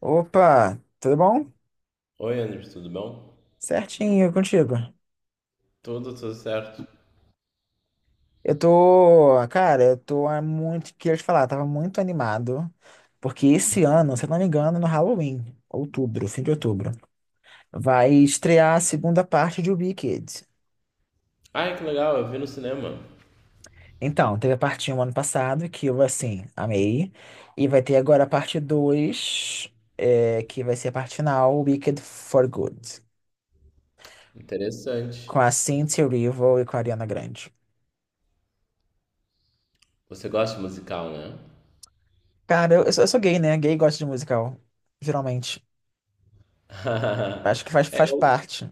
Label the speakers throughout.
Speaker 1: Opa, tudo bom?
Speaker 2: Oi, Anderson, tudo bom?
Speaker 1: Certinho, e contigo.
Speaker 2: Tudo certo.
Speaker 1: Eu tô, cara, eu tô há muito, queria te falar, tava muito animado, porque esse ano, se eu não me engano, no Halloween, outubro, fim de outubro, vai estrear a segunda parte de Wicked.
Speaker 2: Ai, que legal, eu vi no cinema.
Speaker 1: Então, teve a parte um ano passado, que eu, assim, amei, e vai ter agora a parte 2 que vai ser a parte final, Wicked for Good,
Speaker 2: Interessante.
Speaker 1: com a Cynthia Erivo e com a Ariana Grande.
Speaker 2: Você gosta de musical, né?
Speaker 1: Cara, eu sou gay, né? Gay gosta de musical, geralmente. Acho que
Speaker 2: É,
Speaker 1: faz parte.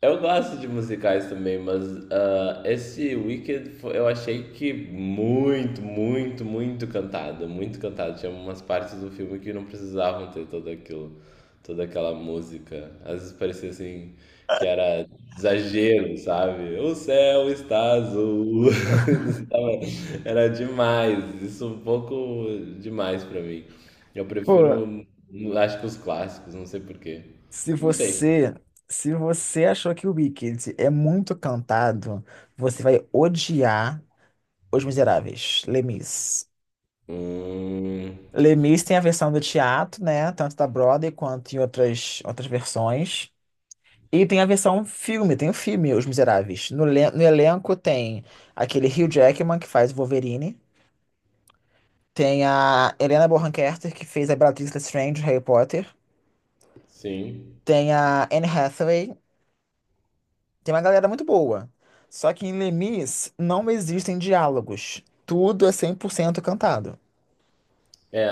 Speaker 2: eu gosto de musicais também, mas ah, eu achei que muito, muito, muito cantado, muito cantado. Tinha umas partes do filme que não precisavam ter todo aquilo, toda aquela música. Às vezes parecia assim que era exagero, sabe? O céu está azul. Isso Tava- Era demais, isso um pouco demais pra mim. Eu
Speaker 1: Pô,
Speaker 2: prefiro, acho que os clássicos, não sei por quê.
Speaker 1: se
Speaker 2: Não sei.
Speaker 1: você, se você achou que o Wicked é muito cantado, você vai odiar Os Miseráveis, Les Mis.
Speaker 2: Hum.
Speaker 1: Les Mis tem a versão do teatro, né? Tanto da Broadway quanto em outras versões. E tem a versão filme, tem o filme Os Miseráveis. No elenco tem aquele Hugh Jackman, que faz o Wolverine. Tem a Helena Bonham Carter, que fez a Bellatrix Lestrange, Harry Potter.
Speaker 2: Sim.
Speaker 1: Tem a Anne Hathaway, tem uma galera muito boa. Só que em Lemis não existem diálogos. Tudo é 100% cantado.
Speaker 2: É,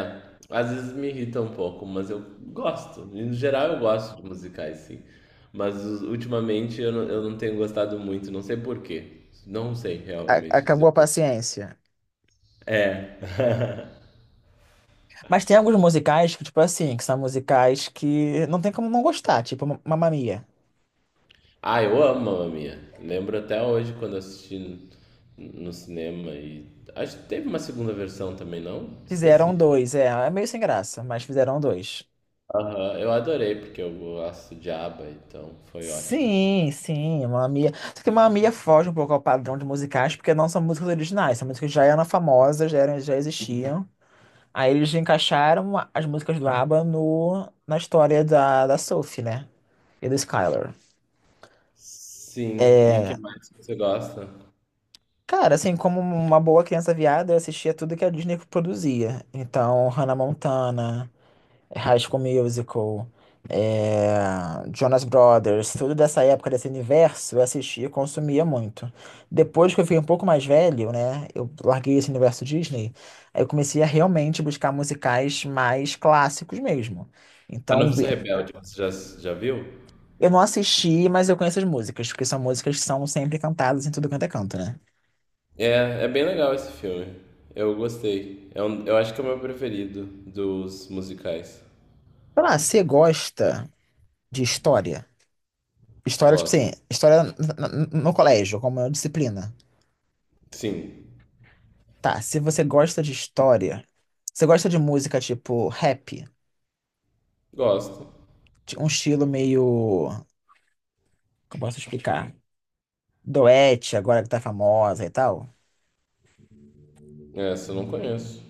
Speaker 2: às vezes me irrita um pouco, mas eu gosto. No geral, eu gosto de musicais, sim. Mas ultimamente eu não tenho gostado muito, não sei por quê. Não sei realmente dizer
Speaker 1: Acabou a
Speaker 2: por quê.
Speaker 1: paciência.
Speaker 2: É.
Speaker 1: Mas tem alguns musicais que, tipo assim, que são musicais que não tem como não gostar, tipo Mamma Mia.
Speaker 2: Ah, eu amo Mamma Mia. Lembro até hoje quando assisti no cinema e acho que teve uma segunda versão também, não?
Speaker 1: Fizeram
Speaker 2: Esqueci.
Speaker 1: dois, é meio sem graça, mas fizeram dois.
Speaker 2: Aham, eu adorei porque eu gosto de ABBA, então foi ótimo.
Speaker 1: Sim, sim, Mamma Mia. Só que Mamma Mia foge um pouco ao padrão de musicais, porque não são músicas originais, são músicas que já eram famosas, já existiam. Aí eles encaixaram as músicas do ABBA no, na história da Sophie, né? E do Skylar.
Speaker 2: Sim, e que mais que você gosta?
Speaker 1: Cara, assim, como uma boa criança viada, eu assistia tudo que a Disney produzia. Então, Hannah Montana, High School Musical, é, Jonas Brothers, tudo dessa época, desse universo, eu assistia e consumia muito. Depois que eu fiquei um pouco mais velho, né? Eu larguei esse universo Disney, aí eu comecei a realmente buscar musicais mais clássicos mesmo.
Speaker 2: A
Speaker 1: Então,
Speaker 2: Noviça Rebelde, já viu?
Speaker 1: eu não assisti, mas eu conheço as músicas, porque são músicas que são sempre cantadas em tudo quanto é canto, né?
Speaker 2: É, é bem legal esse filme. Eu gostei. É um, eu acho que é o meu preferido dos musicais.
Speaker 1: Sei lá, você gosta de história? História, tipo
Speaker 2: Gosto.
Speaker 1: assim, história no colégio, como uma disciplina.
Speaker 2: Sim,
Speaker 1: Tá, se você gosta de história, você gosta de música tipo rap,
Speaker 2: gosto.
Speaker 1: de um estilo meio. Como eu posso explicar? Doete, agora que tá famosa e tal.
Speaker 2: É, essa eu não conheço.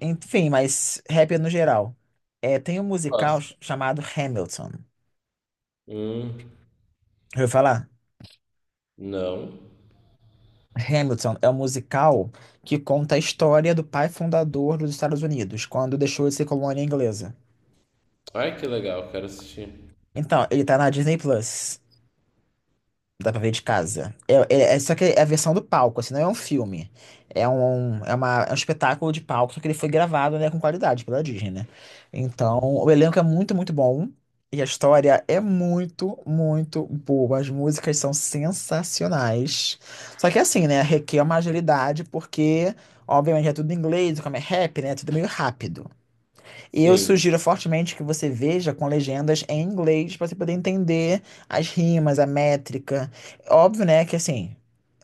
Speaker 1: Enfim, mas rap no geral. É, tem um musical
Speaker 2: Gosto.
Speaker 1: chamado Hamilton.
Speaker 2: Hum,
Speaker 1: Já ouviu falar?
Speaker 2: não.
Speaker 1: Hamilton é um musical que conta a história do pai fundador dos Estados Unidos, quando deixou de ser colônia inglesa.
Speaker 2: Ai, que legal, quero assistir.
Speaker 1: Então, ele tá na Disney Plus. Dá pra ver de casa. Só que é a versão do palco, assim, não é um filme. É um espetáculo de palco, só que ele foi gravado, né, com qualidade pela Disney, né? Então, o elenco é muito, muito bom. E a história é muito, muito boa. As músicas são sensacionais. Só que é assim, né, requer uma agilidade, porque, obviamente, é tudo em inglês, como é rap, né? É tudo meio rápido. E eu
Speaker 2: Sim.
Speaker 1: sugiro fortemente que você veja com legendas em inglês para você poder entender as rimas, a métrica. Óbvio, né, que assim,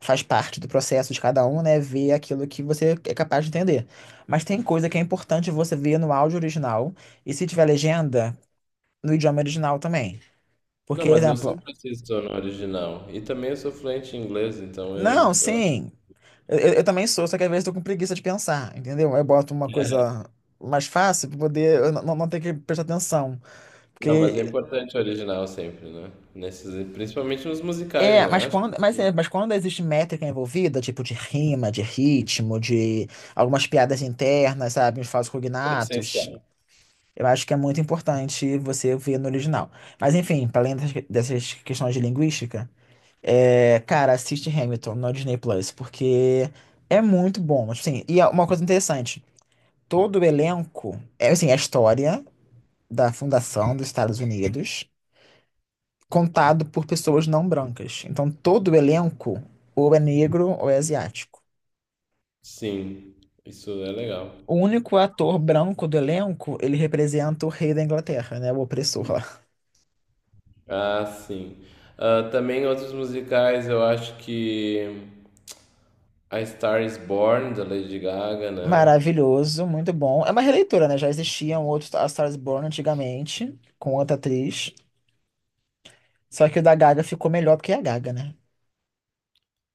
Speaker 1: faz parte do processo de cada um, né, ver aquilo que você é capaz de entender. Mas tem coisa que é importante você ver no áudio original e se tiver legenda, no idioma original também.
Speaker 2: Não,
Speaker 1: Porque,
Speaker 2: mas eu
Speaker 1: exemplo,
Speaker 2: sempre assisto no original. E também eu sou fluente em inglês, então
Speaker 1: não,
Speaker 2: eu...
Speaker 1: sim, eu também sou, só que às vezes eu tô com preguiça de pensar, entendeu? Eu boto uma coisa mais fácil para poder eu não ter que prestar atenção.
Speaker 2: Não, mas é
Speaker 1: Porque
Speaker 2: importante o original sempre, né? Nesses, principalmente nos musicais,
Speaker 1: é,
Speaker 2: não acho?
Speaker 1: mas quando existe métrica envolvida, tipo de rima, de ritmo, de algumas piadas internas, sabe, uns falsos
Speaker 2: É essencial.
Speaker 1: cognatos, eu acho que é muito importante você ver no original. Mas enfim, para além dessas questões de linguística, é, cara, assiste Hamilton no Disney Plus, porque é muito bom. Assim, e é uma coisa interessante, todo o elenco, é assim, a história da fundação dos Estados Unidos contado por pessoas não brancas. Então, todo o elenco ou é negro ou é asiático.
Speaker 2: Sim, isso é legal.
Speaker 1: O único ator branco do elenco, ele representa o rei da Inglaterra, né? O opressor lá.
Speaker 2: Ah, sim. Ah, também outros musicais, eu acho que A Star is Born, da Lady Gaga, né?
Speaker 1: Maravilhoso, muito bom. É uma releitura, né? Já existia um outro A Star is Born antigamente, com outra atriz. Só que o da Gaga ficou melhor porque é a Gaga, né?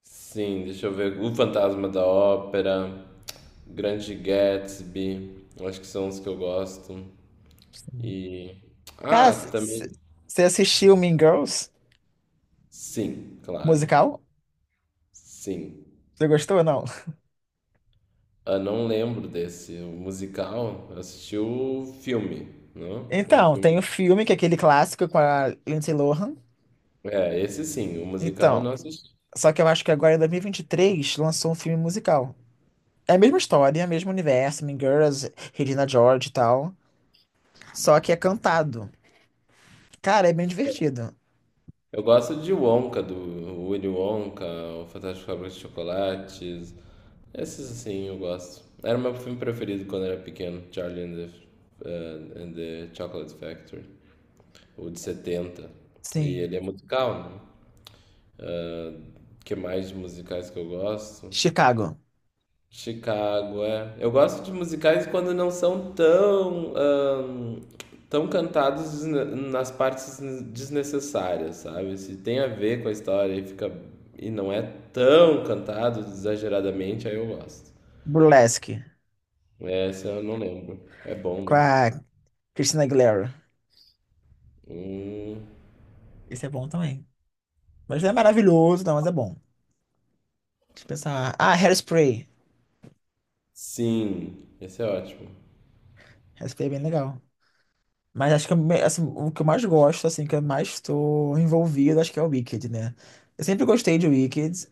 Speaker 2: Sim, deixa eu ver. O Fantasma da Ópera, Grande Gatsby, eu acho que são os que eu gosto.
Speaker 1: Sim.
Speaker 2: E.
Speaker 1: Cara,
Speaker 2: Ah, também.
Speaker 1: você assistiu Mean Girls,
Speaker 2: Sim, claro.
Speaker 1: musical?
Speaker 2: Sim.
Speaker 1: Você gostou ou não?
Speaker 2: Eu não lembro desse. O musical, eu assisti o filme, não? O
Speaker 1: Então, tem o
Speaker 2: filme.
Speaker 1: filme, que é aquele clássico com a Lindsay Lohan.
Speaker 2: É, esse sim, o musical eu
Speaker 1: Então,
Speaker 2: não assisti.
Speaker 1: só que eu acho que agora em 2023 lançou um filme musical. É a mesma história, é o mesmo universo, Mean Girls, Regina George e tal. Só que é cantado. Cara, é bem divertido.
Speaker 2: Eu gosto de Wonka, do Willy Wonka, o Fantástico Fábrica de Chocolates. Esses assim eu gosto. Era o meu filme preferido quando era pequeno, Charlie and the Chocolate Factory, o de 70. E
Speaker 1: Sim.
Speaker 2: ele é musical, né? O que mais de musicais que eu gosto?
Speaker 1: Chicago,
Speaker 2: Chicago, é. Eu gosto de musicais quando não são tão, tão cantados nas partes desnecessárias, sabe? Se tem a ver com a história e fica e não é tão cantado exageradamente, aí eu gosto.
Speaker 1: Burlesque,
Speaker 2: Essa eu não lembro. É bom,
Speaker 1: com
Speaker 2: né?
Speaker 1: a Christina Aguilera.
Speaker 2: Hum,
Speaker 1: Esse é bom também. Mas não é maravilhoso, não, mas é bom. Deixa eu pensar. Ah, Hairspray.
Speaker 2: sim, esse é ótimo.
Speaker 1: Hairspray é bem legal. Mas acho que eu assim, o que eu mais gosto, assim, que eu mais estou envolvido, acho que é o Wicked, né? Eu sempre gostei de Wicked.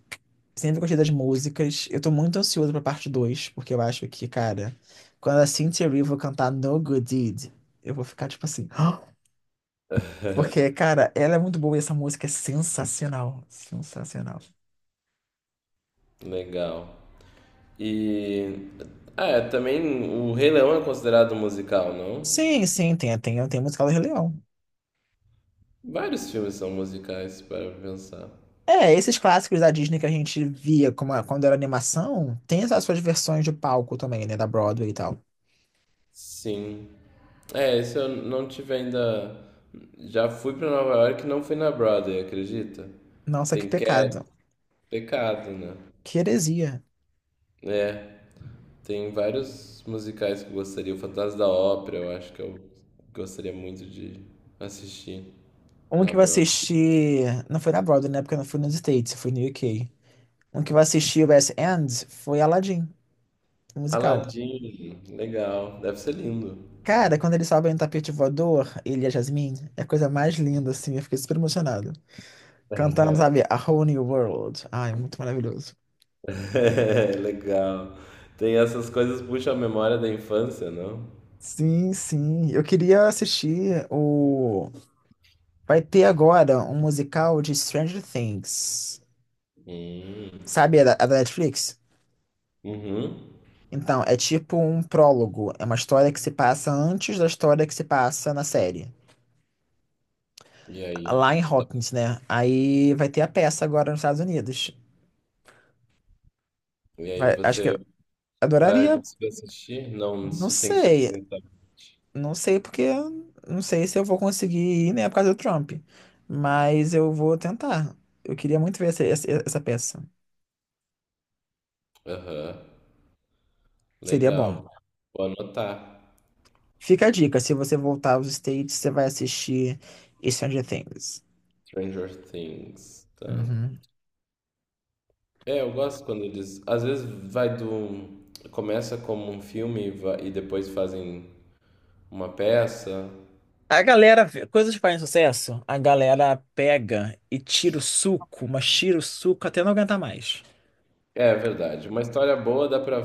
Speaker 1: Sempre gostei das músicas. Eu tô muito ansioso pra parte 2, porque eu acho que, cara, quando a Cynthia Erivo cantar No Good Deed, eu vou ficar tipo assim. Porque, cara, ela é muito boa e essa música é sensacional. Sensacional.
Speaker 2: Legal. E ah, é, também o Rei Leão é considerado um musical, não?
Speaker 1: Sim, sim, tem musical do Rei Leão.
Speaker 2: Vários filmes são musicais para pensar.
Speaker 1: É, esses clássicos da Disney que a gente via como, quando era animação, tem essas suas versões de palco também, né? Da Broadway e tal.
Speaker 2: Sim. É, esse eu não tive ainda. Já fui pra Nova York e não fui na Broadway, acredita?
Speaker 1: Nossa, que
Speaker 2: Tem Cat,
Speaker 1: pecado.
Speaker 2: pecado, né?
Speaker 1: Que heresia.
Speaker 2: É, tem vários musicais que eu gostaria. O Fantasma da Ópera, eu acho que eu gostaria muito de assistir
Speaker 1: Um
Speaker 2: na
Speaker 1: que eu
Speaker 2: Broadway.
Speaker 1: assisti. Não foi na Broadway, né? Porque eu não fui nos States, eu fui no UK. Um que eu assisti, o West End, foi Aladdin, o musical.
Speaker 2: Aladdin, legal, deve ser lindo.
Speaker 1: Cara, quando eles sobem no tapete voador, ele e a Jasmine, é a coisa mais linda, assim. Eu fiquei super emocionado. Cantando, sabe, A Whole New World. Ai, muito maravilhoso.
Speaker 2: É, legal. Tem essas coisas que puxam a memória da infância, não?
Speaker 1: Sim, sim. Eu queria assistir o. Vai ter agora um musical de Stranger Things.
Speaker 2: Hum.
Speaker 1: Sabe, a da Netflix?
Speaker 2: Uhum.
Speaker 1: Então, é tipo um prólogo. É uma história que se passa antes da história que se passa na série.
Speaker 2: E aí?
Speaker 1: Lá em Hawkins, né? Aí vai ter a peça agora nos Estados Unidos.
Speaker 2: E aí
Speaker 1: Acho que
Speaker 2: você
Speaker 1: eu
Speaker 2: vai
Speaker 1: adoraria.
Speaker 2: conseguir assistir? Não,
Speaker 1: Não
Speaker 2: isso tem que ser
Speaker 1: sei.
Speaker 2: presencialmente.
Speaker 1: Não sei porque não sei se eu vou conseguir ir, né, por causa do Trump. Mas eu vou tentar. Eu queria muito ver essa peça.
Speaker 2: Aham,
Speaker 1: Seria bom.
Speaker 2: legal. Vou anotar.
Speaker 1: Fica a dica, se você voltar aos States, você vai assistir Stranger Things.
Speaker 2: Stranger Things, tá.
Speaker 1: Uhum.
Speaker 2: É, eu gosto quando eles... Às vezes vai do... Começa como um filme e depois fazem uma peça.
Speaker 1: A galera, coisas que fazem sucesso, a galera pega e tira o suco, mas tira o suco até não aguentar mais.
Speaker 2: É, é verdade. Uma história boa dá pra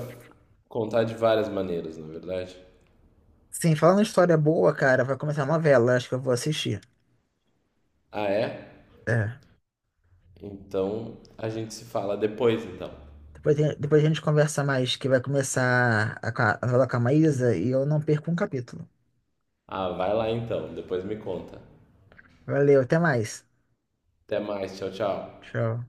Speaker 2: contar de várias maneiras, na verdade.
Speaker 1: Sim, falando em história boa, cara, vai começar a novela, acho que eu vou assistir.
Speaker 2: Ah, é?
Speaker 1: É.
Speaker 2: Então a gente se fala depois, então.
Speaker 1: Depois, depois a gente conversa mais, que vai começar a, a novela com a Maísa e eu não perco um capítulo.
Speaker 2: Ah, vai lá então. Depois me conta.
Speaker 1: Valeu, até mais.
Speaker 2: Até mais. Tchau, tchau.
Speaker 1: Tchau.